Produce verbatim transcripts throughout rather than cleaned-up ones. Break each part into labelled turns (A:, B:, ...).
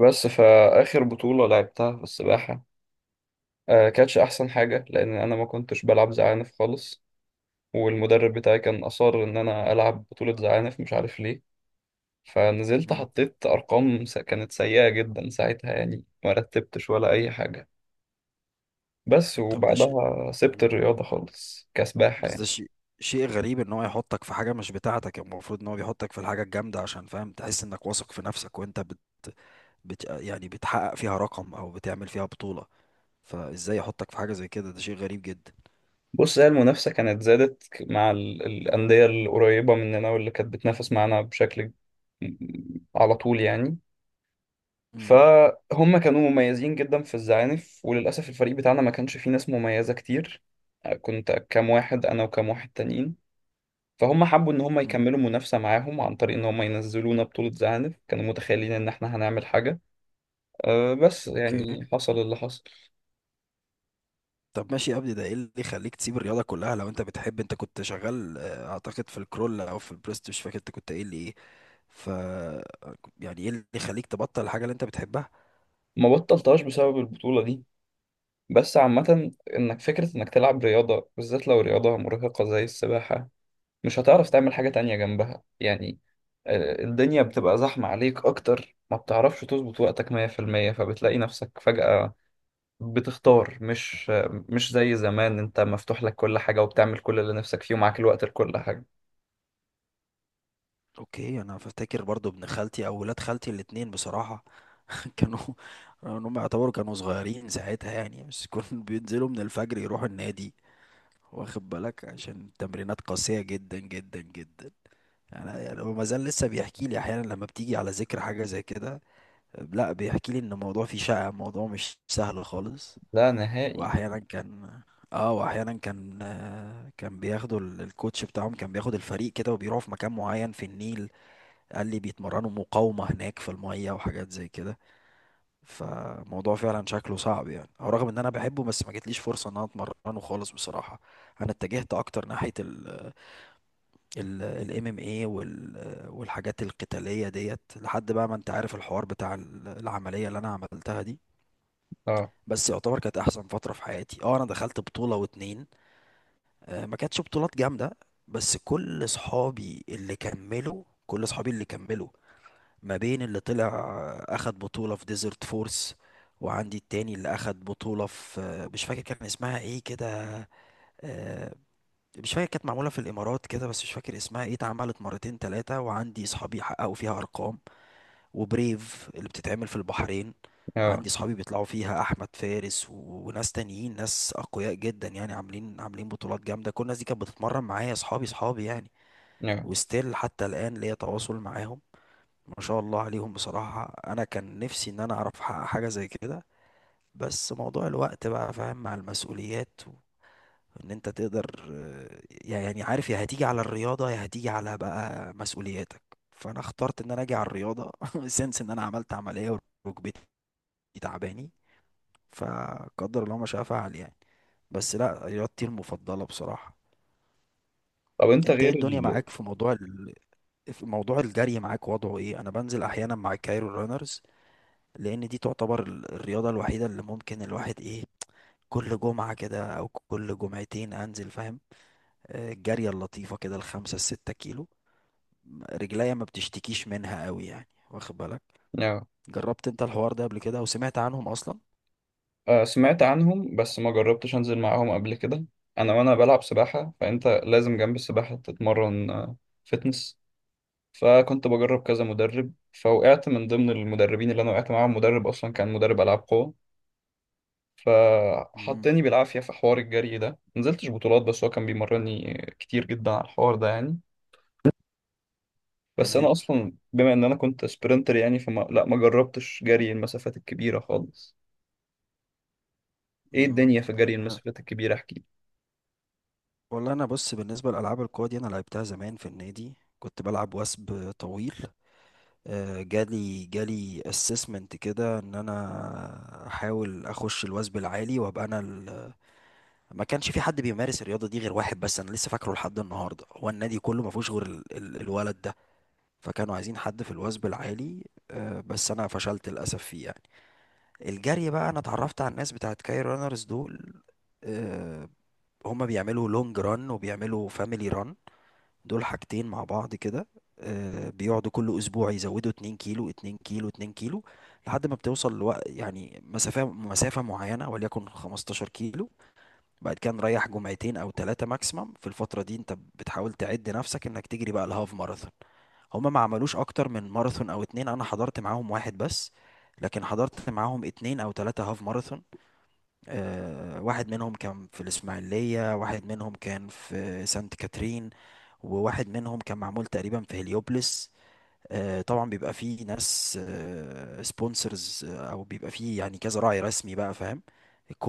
A: بس فآخر بطولة لعبتها في السباحة. آه كانتش أحسن حاجة، لأن أنا ما كنتش بلعب زعانف خالص. والمدرب بتاعي كان أصر إن أنا ألعب بطولة زعانف، مش عارف ليه. فنزلت
B: مم.
A: حطيت أرقام س- كانت سيئة جدا ساعتها، يعني ما رتبتش ولا أي حاجة. بس
B: طب ده شيء.
A: وبعدها سبت
B: مم.
A: الرياضة خالص كسباحة
B: بس
A: يعني.
B: ده شيء، شيء غريب ان هو يحطك في حاجة مش بتاعتك، يعني المفروض ان هو بيحطك في الحاجة الجامدة عشان، فاهم، تحس انك واثق في نفسك وانت بت... بت... يعني بتحقق فيها رقم او بتعمل فيها بطولة. فازاي يحطك في حاجة زي كده؟ ده شيء غريب جدا.
A: بص، هي المنافسة كانت زادت مع ال- الأندية القريبة مننا واللي كانت بتنافس معانا بشكل م- على طول يعني.
B: مم.
A: فهم كانوا مميزين جدا في الزعانف، وللأسف الفريق بتاعنا ما كانش فيه ناس مميزة كتير. كنت كام واحد أنا وكام واحد تانيين. فهم حبوا إن هم
B: مم.
A: يكملوا منافسة معاهم عن طريق إن هم ينزلونا بطولة زعانف، كانوا متخيلين إن إحنا هنعمل حاجة. أه بس
B: اوكي،
A: يعني حصل اللي حصل.
B: طب ماشي يا ابني، ده ايه اللي يخليك تسيب الرياضة كلها؟ لو انت بتحب، انت كنت شغال آه، اعتقد في الكرول او في البريست، مش فاكر انت كنت قايل لي ايه. ف يعني ايه اللي يخليك تبطل الحاجة اللي انت بتحبها؟
A: ما بطلتهاش بسبب البطولة دي، بس عامة، إنك فكرة إنك تلعب رياضة بالذات لو رياضة مرهقة زي السباحة مش هتعرف تعمل حاجة تانية جنبها يعني. آه، الدنيا بتبقى زحمة عليك أكتر، ما بتعرفش تظبط وقتك مية في المية، فبتلاقي نفسك فجأة بتختار، مش آه، مش زي زمان أنت مفتوح لك كل حاجة وبتعمل كل اللي نفسك فيه ومعاك الوقت لكل حاجة.
B: اوكي. انا فاكر برضو ابن خالتي او ولاد خالتي الاتنين بصراحة كانوا، ان هم يعتبروا كانوا صغيرين ساعتها يعني، بس كانوا بينزلوا من الفجر يروحوا النادي، واخد بالك؟ عشان تمرينات قاسية جدا جدا جدا. انا يعني هو ما زال لسه بيحكي لي احيانا لما بتيجي على ذكر حاجة زي كده. لا، بيحكي لي ان الموضوع فيه شقة، الموضوع مش سهل خالص.
A: لا نهائي.
B: واحيانا كان، اه واحيانا كان آه، كان بياخدوا ال- الكوتش بتاعهم كان بياخد الفريق كده وبيروحوا في مكان معين في النيل. قال لي بيتمرنوا مقاومة هناك في المية وحاجات زي كده. فموضوع فعلا شكله صعب يعني، او رغم ان انا بحبه بس ما جاتليش فرصة ان انا اتمرنه خالص بصراحة. انا اتجهت اكتر ناحية ال الام ام اي والحاجات القتالية ديت، لحد بقى ما انت عارف الحوار بتاع ال- العملية اللي انا عملتها دي.
A: اه.
B: بس يعتبر كانت احسن فترة في حياتي. اه، انا دخلت بطولة واتنين. آه، ما كانتش بطولات جامدة. بس كل صحابي اللي كملوا، كل صحابي اللي كملوا ما بين اللي طلع اخد بطولة في ديزرت فورس، وعندي التاني اللي اخد بطولة في، مش فاكر كان اسمها ايه كده، آه، مش فاكر. كانت معمولة في الامارات كده بس مش فاكر اسمها ايه. اتعملت مرتين تلاتة وعندي صحابي حققوا فيها ارقام. وبريف اللي بتتعمل في البحرين،
A: اه.
B: عندي صحابي بيطلعوا فيها، احمد فارس و- وناس تانيين، ناس اقوياء جدا يعني، عاملين عاملين بطولات جامدة. كل الناس دي كانت بتتمرن معايا، صحابي، صحابي يعني.
A: اه.
B: وستيل حتى الان ليا تواصل معاهم. ما شاء الله عليهم بصراحة. أنا كان نفسي إن أنا أعرف أحقق حاجة زي كده، بس موضوع الوقت بقى فاهم، مع المسؤوليات و... إن أنت تقدر، آه، يعني عارف، يا هتيجي على الرياضة يا هتيجي على بقى مسؤولياتك. فأنا اخترت إن أنا أجي على الرياضة سنس إن أنا عملت عملية، وركبتي تعباني، فقدر الله ما شاء فعل يعني. بس لا، رياضتي المفضلة بصراحة.
A: طب أنت
B: أنت إيه
A: غير
B: الدنيا
A: ال
B: معاك في موضوع ال... في موضوع الجري؟ معاك وضعه إيه؟ أنا بنزل أحيانا مع الكايرو رانرز، لان دي تعتبر ال- الرياضة الوحيدة اللي ممكن الواحد ايه، كل جمعة كده او كل جمعتين انزل فاهم، آه، الجارية اللطيفة كده الخمسة الستة كيلو، م- رجليا ما بتشتكيش منها قوي يعني، واخد بالك؟
A: اه
B: جربت انت الحوار ده قبل كده، او سمعت عنهم اصلا؟
A: آه، سمعت عنهم بس ما جربتش أنزل معاهم قبل كده. أنا، وأنا بلعب سباحة فأنت لازم جنب السباحة تتمرن فتنس. فكنت بجرب كذا مدرب، فوقعت من ضمن المدربين اللي انا وقعت معاهم مدرب اصلا كان مدرب العاب قوه.
B: امم.
A: فحطني بالعافيه في حوار الجري ده، نزلتش بطولات بس هو كان بيمرني كتير جدا على الحوار ده يعني. بس
B: تمام.
A: انا اصلا بما ان انا كنت سبرنتر يعني، فما لا ما جربتش جري المسافات الكبيره خالص. ايه
B: امم.
A: الدنيا في جري المسافات الكبيره، احكي
B: والله انا، بص، بالنسبة لالعاب القوى دي، انا لعبتها زمان في النادي، كنت بلعب وثب طويل. آه، جالي جالي اسسمنت كده ان انا احاول اخش الوثب العالي وابقى انا، ما كانش في حد بيمارس الرياضه دي غير واحد بس، انا لسه فاكره لحد النهارده، هو النادي كله ما فيهوش غير ال ال الولد ده. فكانوا عايزين حد في الوزن العالي، آه، بس انا فشلت للاسف فيه يعني. الجري بقى، انا اتعرفت على الناس بتاعت كاي رانرز دول. آه، هما بيعملوا لونج ران وبيعملوا فاميلي ران، دول حاجتين مع بعض كده. آه، بيقعدوا كل اسبوع يزودوا 2 كيلو، 2 كيلو، 2 كيلو، لحد ما بتوصل لوقت يعني، مسافة مسافة معينة، وليكن 15 كيلو. بعد كده نريح جمعتين او ثلاثه ماكسيمم، في الفتره دي انت بتحاول تعد نفسك انك تجري بقى الهاف ماراثون. هما ما عملوش اكتر من ماراثون او اتنين، انا حضرت معاهم واحد بس، لكن حضرت معاهم اتنين او تلاتة هاف ماراثون. أه، واحد منهم كان في الاسماعيلية، واحد منهم كان في سانت كاترين، وواحد منهم كان معمول تقريبا في هليوبلس. آه، طبعا بيبقى فيه ناس سبونسرز، او بيبقى فيه يعني كذا راعي رسمي بقى فاهم،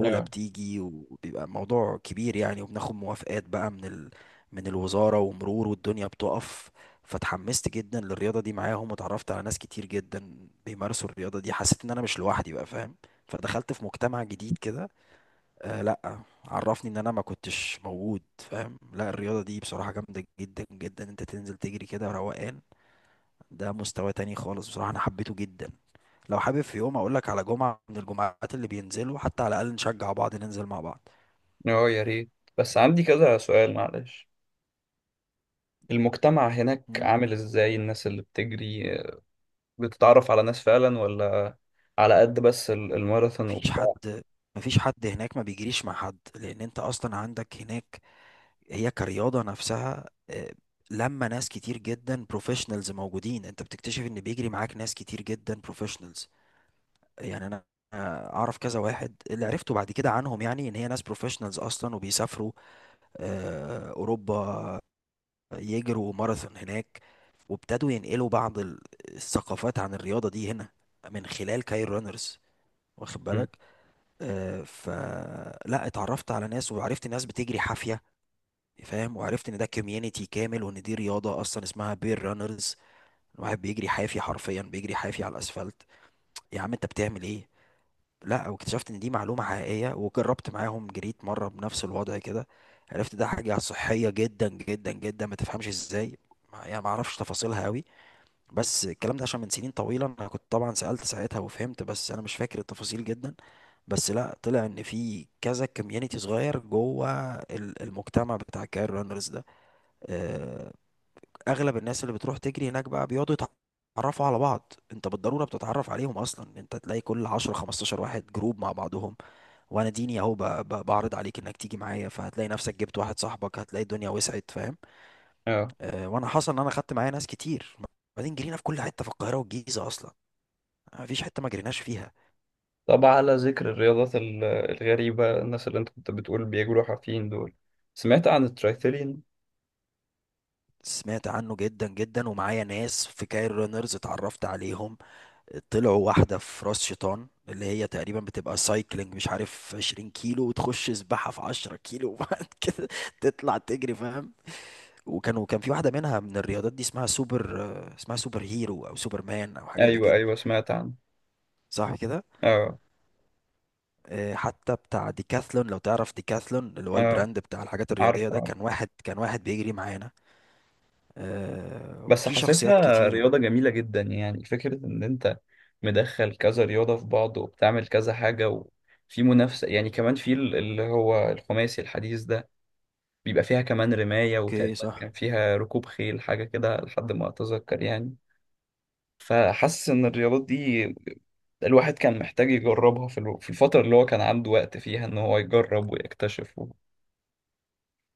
A: لي. اه.
B: بتيجي وبيبقى موضوع كبير يعني، وبناخد موافقات بقى من ال... من الوزارة ومرور والدنيا بتقف. فتحمست جدا للرياضة دي معاهم، وتعرفت على ناس كتير جدا بيمارسوا الرياضة دي، حسيت ان انا مش لوحدي بقى فاهم، فدخلت في مجتمع جديد كده. آه لا، عرفني ان انا ما كنتش موجود فاهم، لا، الرياضة دي بصراحة جامدة جدا جدا. انت تنزل تجري كده روقان، ده مستوى تاني خالص بصراحة، أنا حبيته جدا. لو حابب في يوم أقول لك على جمعة من الجمعات اللي بينزلوا حتى، على الأقل نشجع بعض ننزل مع بعض.
A: اه، يا ريت. بس عندي كذا سؤال، معلش. المجتمع هناك
B: مم.
A: عامل ازاي؟ الناس اللي بتجري بتتعرف على ناس فعلا، ولا على قد بس ال- الماراثون
B: مفيش
A: وبتاع؟
B: حد مفيش حد هناك ما بيجريش مع حد، لأن أنت أصلا عندك هناك، هي كرياضة نفسها آه، لما ناس كتير جدا بروفيشنالز موجودين، أنت بتكتشف إن بيجري معاك ناس كتير جدا بروفيشنالز. يعني أنا آه، أعرف كذا واحد اللي عرفته بعد كده عنهم، يعني إن هي ناس بروفيشنالز أصلا وبيسافروا آه، أوروبا يجروا ماراثون هناك، وابتدوا ينقلوا بعض ال- الثقافات عن الرياضة دي هنا، من خلال كاير رانرز، واخد
A: مم.
B: بالك؟ آه، فلا، اتعرفت على ناس وعرفت ناس بتجري حافية فاهم، وعرفت ان ده كوميونيتي كامل، وان دي رياضة اصلا اسمها بير رانرز. الواحد بيجري حافي، حرفيا بيجري حافي على الاسفلت. يا عم انت بتعمل ايه؟ لا، واكتشفت ان دي معلومة حقيقية، وجربت معاهم، جريت مرة بنفس الوضع كده، عرفت ده حاجة صحية جدا جدا جدا، ما تفهمش ازاي. ما- يعني ما اعرفش تفاصيلها قوي، بس الكلام ده عشان من سنين طويلة، أنا كنت طبعا سألت ساعتها وفهمت، بس أنا مش فاكر التفاصيل جدا. بس لا، طلع إن في كذا كوميونيتي صغير جوه ال- المجتمع بتاع الكاير رانرز ده. آه، أغلب الناس اللي بتروح تجري هناك بقى بيقعدوا يتعرفوا على بعض، أنت بالضرورة بتتعرف عليهم أصلا، أنت تلاقي كل عشرة خمستاشر واحد جروب مع بعضهم. وأنا ديني أهو، ب- ب- بعرض عليك إنك تيجي معايا، فهتلاقي نفسك جبت واحد صاحبك هتلاقي الدنيا وسعت فاهم.
A: اه،
B: آه، وأنا حصل إن أنا خدت معايا ناس كتير. بعدين جرينا في كل حتة في القاهرة والجيزة أصلا، مفيش حتة ما جريناش فيها.
A: طب على ذكر الرياضات ال- الغريبة، الناس اللي انت كنت بتقول بيجروا حافيين دول، سمعت عن الترايثلين؟
B: سمعت عنه جدا جدا، ومعايا ناس في كاير رانرز اتعرفت عليهم، طلعوا واحدة في راس شيطان، اللي هي تقريبا بتبقى سايكلينج مش عارف 20 كيلو، وتخش سباحة في 10 كيلو وبعد كده تطلع تجري فاهم. وكان وكان في واحدة منها من الرياضات دي اسمها سوبر، آه، اسمها سوبر هيرو او سوبر مان او حاجة زي
A: ايوه،
B: كده،
A: ايوه، سمعت عن.
B: صح كده؟
A: اه.
B: آه، حتى بتاع ديكاثلون، لو تعرف ديكاثلون اللي هو
A: اه.
B: البراند بتاع الحاجات الرياضية
A: عارف،
B: ده،
A: عارف.
B: كان واحد، كان واحد بيجري معانا. آه،
A: بس
B: وفي شخصيات
A: حاسسها
B: كتير.
A: رياضة جميلة جدا، يعني فكرة ان انت مدخل كذا رياضة في بعض وبتعمل كذا حاجة وفي منافسة، يعني كمان في ال- اللي هو الخماسي الحديث ده بيبقى فيها كمان رماية،
B: اوكي
A: وتقريبا كان
B: صح.
A: فيها ركوب خيل حاجة كده لحد ما أتذكر يعني. فحاسس إن الرياضات دي الواحد كان محتاج يجربها في الو- في الفترة اللي هو كان عنده وقت فيها إن هو يجرب ويكتشف و.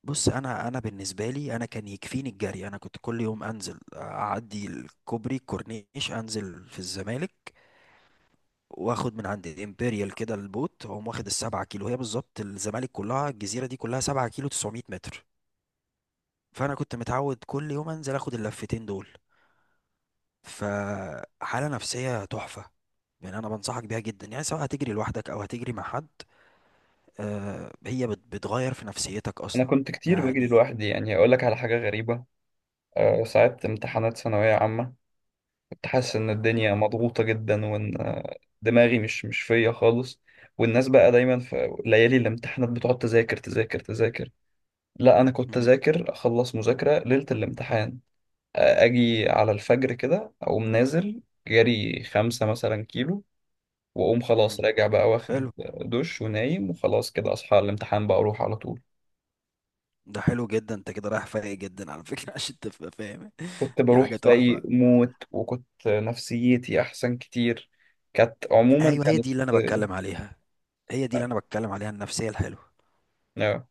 B: بص، انا، انا بالنسبه لي انا كان يكفيني الجري. انا كنت كل يوم انزل اعدي الكوبري الكورنيش، انزل في الزمالك، واخد من عند الامبريال كده البوت اقوم واخد السبعة كيلو، هي بالظبط الزمالك كلها، الجزيره دي كلها سبعة كيلو تسعمية متر. فانا كنت متعود كل يوم انزل اخد اللفتين دول، فحاله نفسيه تحفه. يعني انا بنصحك بيها جدا، يعني سواء هتجري لوحدك او هتجري مع حد، آه، هي بت- بتغير في نفسيتك
A: أنا
B: اصلا
A: كنت كتير بجري
B: يعني.
A: لوحدي، يعني أقول لك على حاجة غريبة. أه ساعات امتحانات ثانوية عامة كنت حاسس إن الدنيا
B: مم.
A: مضغوطة جدا، وإن آه، دماغي مش مش فيا خالص. والناس بقى دايما في ليالي الامتحانات بتقعد تذاكر تذاكر تذاكر. لا، أنا كنت
B: مم.
A: أذاكر أخلص مذاكرة ليلة الامتحان، اجي على الفجر كده اقوم نازل جري خمسة مثلا كيلو، واقوم
B: مم.
A: خلاص راجع بقى واخد
B: حلو.
A: دش ونايم، وخلاص كده اصحى على الامتحان بقى اروح على طول.
B: ده حلو جدا، انت كده رايح فايق جدا على فكره عشان تبقى فاهم.
A: كنت
B: دي حاجه
A: بروح فايق
B: تحفه.
A: موت، وكنت نفسيتي احسن كتير. كانت عموما
B: ايوه، هي
A: كانت
B: دي اللي انا بتكلم عليها، هي دي اللي انا بتكلم عليها، النفسيه الحلوه.
A: آه،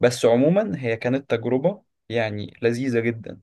A: بس عموما هي كانت تجربة يعني لذيذة جدا.